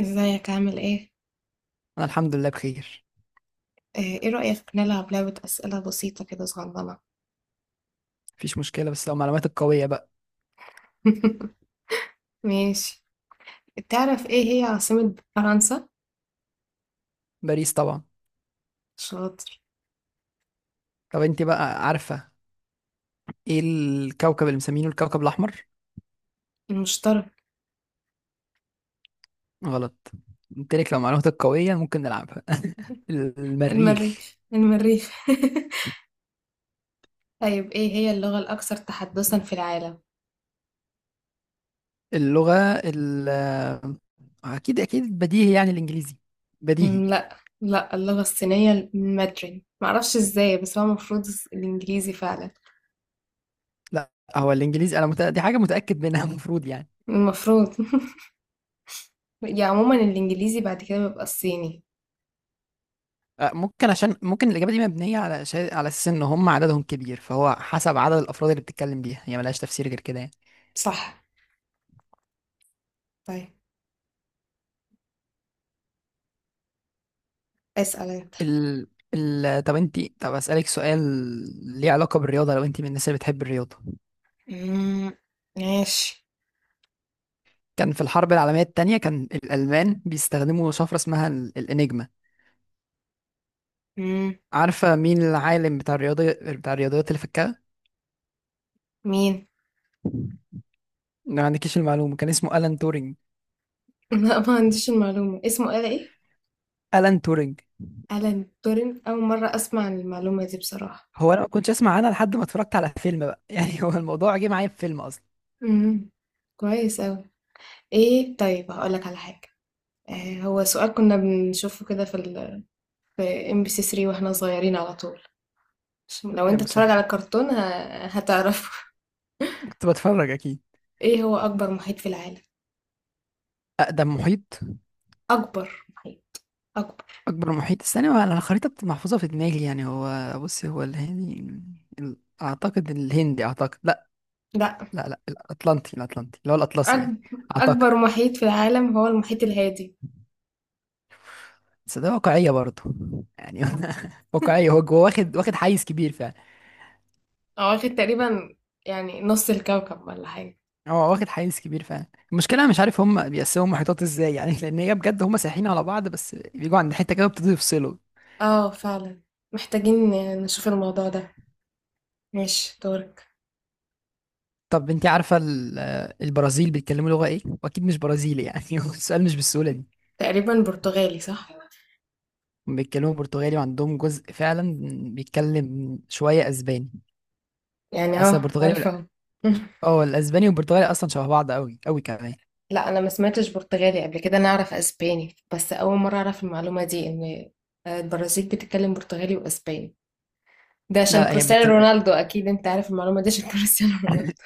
ازيك عامل ايه؟ انا الحمد لله بخير. ايه رأيك نلعب لعبة أسئلة بسيطة كده صغننة؟ مفيش مشكله، بس لو معلوماتك قويه بقى. ماشي. تعرف ايه هي عاصمة فرنسا؟ باريس طبعا. شاطر. طب انت بقى عارفه، ايه الكوكب اللي مسمينه الكوكب الاحمر؟ المشترك. غلط. قلت لك لو معلوماتك قويه ممكن نلعبها. المريخ. المريخ المريخ. طيب ايه هي اللغة الأكثر تحدثا في العالم؟ اللغه، ال اكيد اكيد بديهي يعني الانجليزي، بديهي. لا لا اللغة الصينية المادرين معرفش ازاي، بس هو المفروض الإنجليزي فعلا. لا، هو الانجليزي. دي حاجه متاكد منها. المفروض يعني. المفروض. يعني عموما الإنجليزي، بعد كده بيبقى الصيني. أه، ممكن، عشان ممكن الاجابه دي مبنيه على شيء، على اساس ان هم عددهم كبير، فهو حسب عدد الافراد اللي بتتكلم بيها، هي ملهاش تفسير غير كده يعني. صح. طيب اسأل انت. ال... طب انت، اسالك سؤال ليه علاقه بالرياضه، لو انت من الناس اللي بتحب الرياضه. مم، ماشي. كان في الحرب العالميه الثانيه كان الالمان بيستخدموا شفره اسمها الانجما. إمم، عارفه مين العالم بتاع الرياضه، بتاع الرياضيات اللي فكها؟ مين؟ ما عندكيش المعلومه. كان اسمه الان تورينج. لأ ما عنديش المعلومة، اسمه آلة إيه؟ الان تورينج. آلان تورين، أول مرّة أسمع عن المعلومة دي بصراحة. هو انا ما كنتش اسمع عنها لحد ما اتفرجت على فيلم بقى. يعني هو الموضوع جه معايا في فيلم اصلا. إمم، كويس أوي. إيه طيب هاقول لك على حاجة، هو سؤال كنا بنشوفه كده في MBC 3 وإحنا صغيرين على طول، عشان لو يا أنت بتتفرّج مسهل. على الكرتون هتعرفه. كنت بتفرج اكيد. إيه هو أكبر محيط في العالم؟ اقدم محيط؟ أكبر محيط، أكبر. اكبر محيط. استنى، انا الخريطه محفوظه في دماغي يعني. هو بص، هو الهندي، ال- اعتقد الهندي، اعتقد. لا، لأ، لا الاطلنطي، الاطلنطي اللي هو الاطلسي يعني. أكب اعتقد. أكبر محيط في العالم هو المحيط الهادي، بس ده واقعيه برضه يعني. واقعيه، هو واخد، واخد حيز كبير فعلا. هو واخد تقريبًا يعني نُص الكوكب والّا حاجة. هو واخد حيز كبير فعلا. المشكله انا مش عارف هم بيقسموا محيطات ازاي يعني. لان هي بجد هم سايحين على بعض، بس بيجوا عند حته كده بيبتدوا يفصلوا. اه فعلا، محتاجين نشوف الموضوع ده. ماشي دورك. طب انت عارفه البرازيل بيتكلموا لغه ايه؟ واكيد مش برازيلي يعني. السؤال مش بالسهوله دي. تقريبا برتغالي صح. بيتكلموا برتغالي، وعندهم جزء فعلا بيتكلم شوية اسباني. يعني اصلا اه البرتغالي عارفه أهو. اه، الاسباني والبرتغالي اصلا شبه بعض قوي قوي كمان. لا انا ما سمعتش برتغالي قبل كده، انا اعرف اسباني بس، اول مره اعرف المعلومه دي، ان البرازيل بتتكلم برتغالي واسباني. ده عشان لا لا، هي كريستيانو بتتكلم. رونالدو اكيد انت عارف المعلومه دي عشان كريستيانو رونالدو.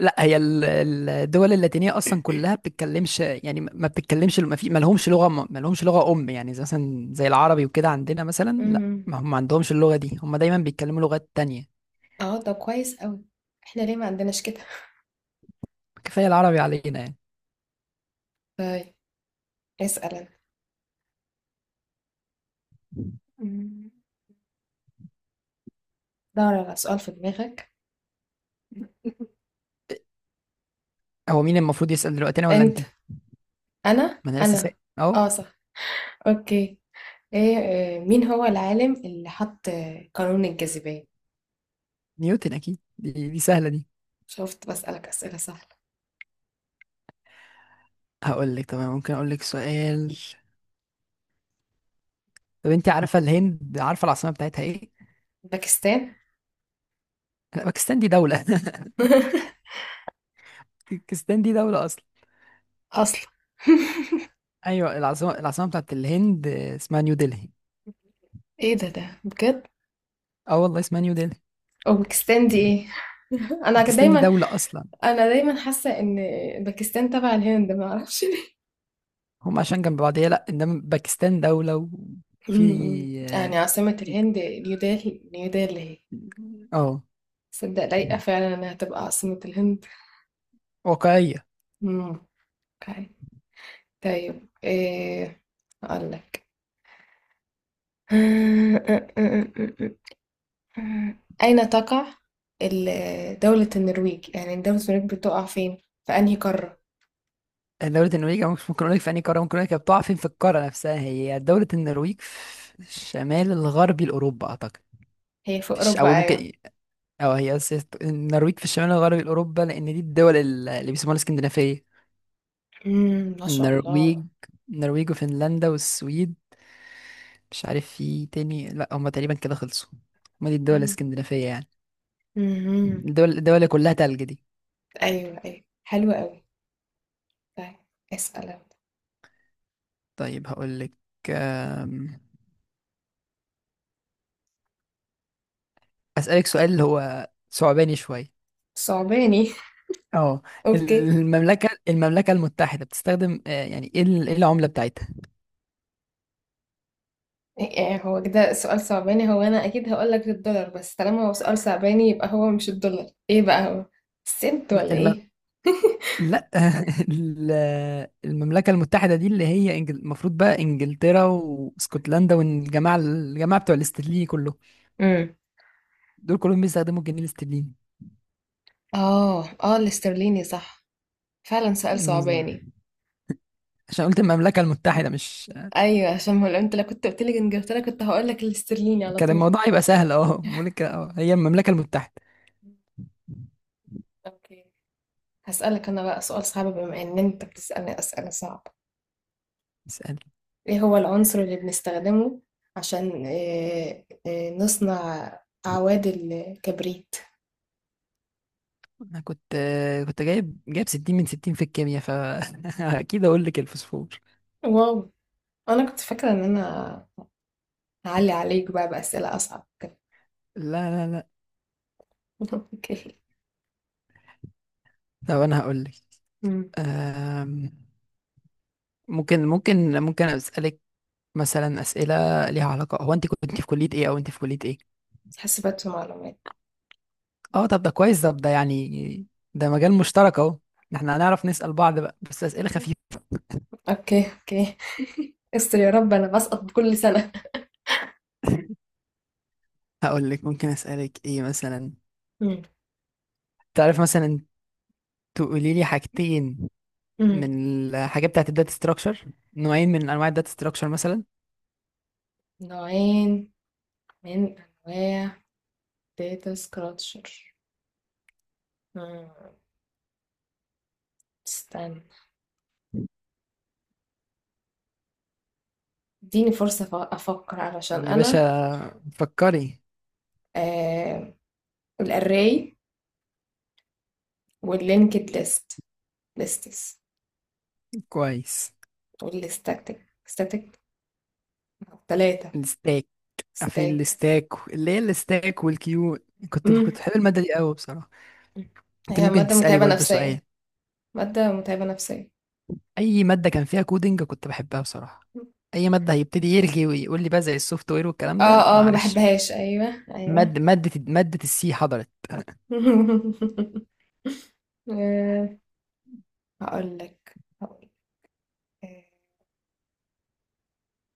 لا، هي الدول اللاتينيه اصلا كلها بتتكلمش يعني، ما بتتكلمش، ما لهمش لغه، ما لهمش لغه ام، يعني زي مثلا، زي العربي وكده عندنا مثلا. لا، امم. ما هم ما عندهمش اللغه دي، هم دايما بيتكلموا لغات تانية. اه ده كويس قوي. احنا ليه ما عندناش كده؟ كفايه العربي علينا يعني. طيب اسال انا. أمم. دور على سؤال في دماغك. هو مين المفروض يسال دلوقتي، انا ولا انت؟ انت. انا ما انا لسه انا سائل اهو. اه صح. اوكي. ايه مين هو العالم اللي حط قانون الجاذبية؟ نيوتن اكيد، دي سهله دي. شفت بسألك أسئلة سهلة. هقول لك تمام، ممكن اقول لك سؤال. طب انت عارفه الهند، عارفه العاصمه بتاعتها ايه؟ باكستان. لا، باكستان دي دوله. باكستان دي دوله اصلا. أصلا. ايوه، العاصمه، العاصمه بتاعت الهند اسمها نيو دلهي. ايه ده بجد؟ اه والله اسمها نيو دلهي. اوزبكستان دي ايه؟ انا باكستان دي دايما دوله اصلا. انا دايما حاسة ان باكستان تبع الهند، ما اعرفش ليه. هم عشان جنب بعض، هي لا، انما باكستان دوله. وفي، أمم. إمم. يعني عاصمة في، الهند نيودلهي. نيودلهي هي اه. صدق لايقة فعلا انها تبقى عاصمة الهند. واقعيه. أمم. اوكي. طيب ايه، اقول لك. مم. أين تقع دولة النرويج؟ يعني دولة النرويج بتقع فين؟ في أنهي قارة؟ دوله النرويج، أو مش ممكن اقول لك في انهي قاره، ممكن اقول لك هي بتقع فين في القاره نفسها. هي دوله النرويج في الشمال الغربي لاوروبا اعتقد. هي في او أوروبا أيوة. ممكن، أو هي أساس النرويج في الشمال الغربي الأوروبا، لأن دي الدول اللي بيسموها الاسكندنافية. مم. ما شاء الله. النرويج، النرويج وفنلندا والسويد، مش عارف في تاني، لا هما تقريبا كده خلصوا. هما دي الدول مم. الاسكندنافية يعني. مم. الدول، الدول اللي كلها تلج دي. أيوة أيوة حلو أوي. طيب اسأل أنت. طيب هقول لك، أسألك سؤال هو صعباني شوية. صعباني. اه. أوكي. المملكة المتحدة بتستخدم، يعني ايه إيه العملة بتاعتها؟ يعني هو كده سؤال صعباني؟ هو أنا أكيد هقولك الدولار، بس طالما هو سؤال صعباني يبقى هو مش الدولار. إيه بقى هو؟ السنت ولا لا، إيه؟ لا، ال- المملكة المتحدة دي اللي هي المفروض بقى انجلترا واسكتلندا، والجماعة، الجماعة بتوع الاسترليني كله. مم. دول كلهم بيستخدموا الجنيه الاسترليني. آه آه الاسترليني صح. فعلا سؤال صعباني. بالظبط. عشان قلت المملكة المتحدة، مش ايوه عشان ما، لو انت لو كنت قلت لي انجلترا كنت هقول لك الاسترليني على كان طول. الموضوع يبقى سهل. اه، بقول لك، اه، هي المملكة المتحدة. اوكي. هسألك انا بقى سؤال صعب، بما ان انت بتسألني أسئلة صعبة. اسأل. ايه هو العنصر اللي بنستخدمه عشان إيه، إيه نصنع اعواد الكبريت؟ انا كنت جايب 60 من 60 في الكيمياء، فاكيد اقول لك الفوسفور. واو. انا كنت فاكرة ان انا هعلي عليك بقى بأسئلة اصعب كده. لا. اوكي. طب انا هقول لك. أمم. أم، ممكن ممكن اسالك مثلا اسئله ليها علاقه. هو انت كنت في كليه ايه، او انت في كليه ايه؟ حاسبات ومعلومات. اه طب ده كويس، طب ده يعني ده مجال مشترك اهو، احنا هنعرف نسال بعض بقى، بس اسئله خفيفه. اوكي اوكي. استر يا رب، انا بسقط كل سنة. هقول لك ممكن اسالك ايه مثلا. أمم. تعرف مثلا، تقولي لي حاجتين أمم. من الحاجات بتاعت الداتا ستراكشر، نوعين من انواع الداتا ستراكشر مثلا. نوعين من أنواع data structure. آه، استنى اديني فرصة أفكر علشان يا باشا أنا. فكري. آه. الأري واللينكد ليستس. كويس. والستاتيك ستاتيك، ثلاثة. الستاك. عارفين ستاك. الستاك، اللي هي الستاك والكيو. كنت مم. بحب الماده دي قوي بصراحه. انت هي ممكن مادة تسالي متعبة برضو سؤال. نفسيا مادة متعبة نفسيا اي ماده كان فيها كودينج كنت بحبها بصراحه. اي ماده هيبتدي يرغي ويقول لي بقى زي السوفت وير والكلام ده، لا اه اه ما معلش. بحبهاش، ايوه ايوه. ماده السي حضرت. آه، هقول لك هقول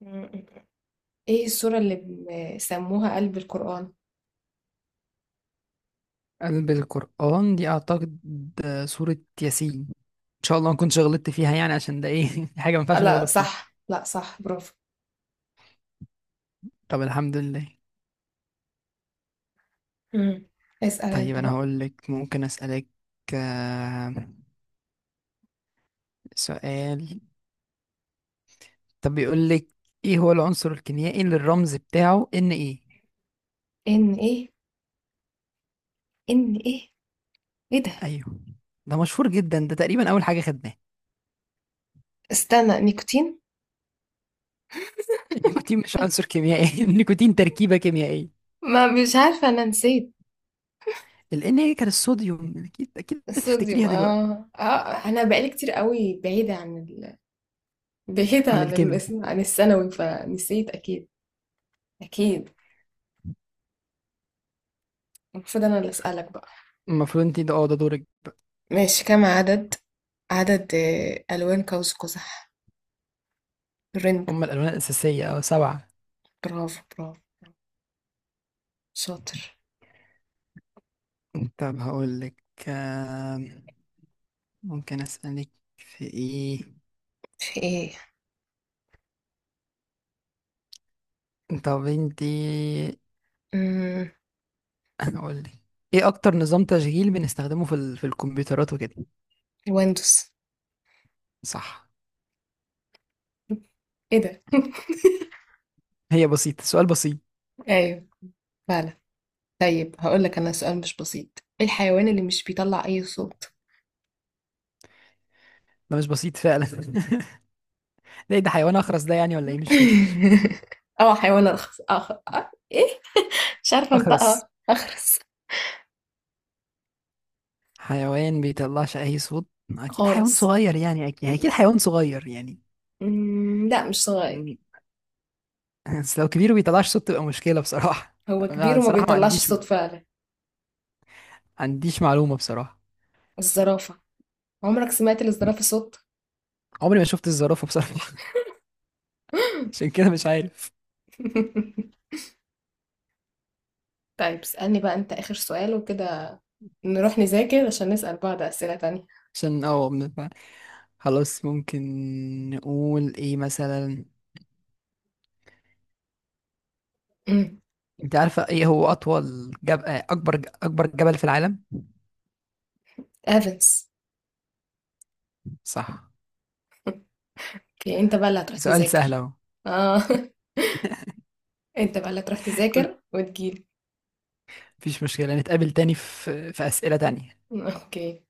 لك ايه السورة اللي بيسموها قلب القرآن؟ قلب القرآن دي اعتقد سورة ياسين. ان شاء الله ما كنتش غلطت فيها يعني، عشان ده ايه حاجة ما ينفعش لا نغلط فيها. صح لا صح برافو. طب الحمد لله. مم. اسأل طيب انت انا بقى. هقول لك، ممكن اسألك، آه، سؤال. طب بيقول لك، ايه هو العنصر الكيميائي اللي الرمز بتاعه ان ايه؟ ان ايه؟ ان ايه؟ ايه ده؟ ايوه. ده مشهور جدا، ده تقريبا اول حاجة خدناها. استنى، نيكوتين. النيكوتين مش عنصر كيميائي، النيكوتين تركيبة كيميائية. ما مش عارفة، انا نسيت. لأن هي كان الصوديوم، أكيد أكيد الصوديوم هتفتكريها دلوقتي. اه اه. انا بقالي كتير قوي بعيدة عن ال... بعيدة عن عن ال... الكيمياء. عن الثانوي فنسيت اكيد. اكيد. المفروض انا اللي اسألك بقى. المفروض أنت، ده أه ده دورك. ماشي. كم عدد ألوان قوس قزح؟ رينبو. هما الألوان الأساسية، أه، سبعة. برافو برافو. شاطر. طب هقول لك، ممكن أسألك في إيه. طب في أنت. ايه؟ هقول لك، إيه أكتر نظام تشغيل بنستخدمه في في الكمبيوترات وكده؟ الوندوس. صح. ايه ده؟ هي بسيطة، سؤال بسيط. ايوه فعلا. طيب هقول لك انا سؤال مش بسيط. ايه الحيوان اللي مش بيطلع اي صوت؟ ده مش بسيط فعلا. ده إيه ده؟ حيوان أخرس ده يعني ولا إيه؟ مش فاهم. اه حيوان ارخص ايه، مش عارفه أخرس، انطقها. اخرس. حيوان بيطلعش اي صوت. اكيد حيوان خالص. صغير يعني، اكيد يعني، اكيد حيوان صغير يعني. لا مش م- صغير. بس لو كبير بيطلعش صوت تبقى مشكلة بصراحة. هو أنا كبير وما بصراحة ما بيطلعش عنديش صوت ما فعلا. عنديش معلومة بصراحة. الزرافه. عمرك سمعت للزرافه صوت؟ عمري ما شفت الزرافة بصراحة، عشان كده مش عارف. طيب اسألني بقى انت اخر سؤال وكده نروح نذاكر عشان نسأل بعض اسئله تانية. عشان اه خلاص. ممكن نقول ايه مثلا، أمم، انت عارفة ايه هو آه، اكبر، اكبر جبل في العالم؟ ايفنز. صح. اوكي انت بقى اللي هتروح سؤال سهل تذاكر. اهو. اه. انت بقى اللي هتروح كل، تذاكر وتجيلي. مفيش مشكلة، نتقابل تاني في، في أسئلة تانية. اوكي.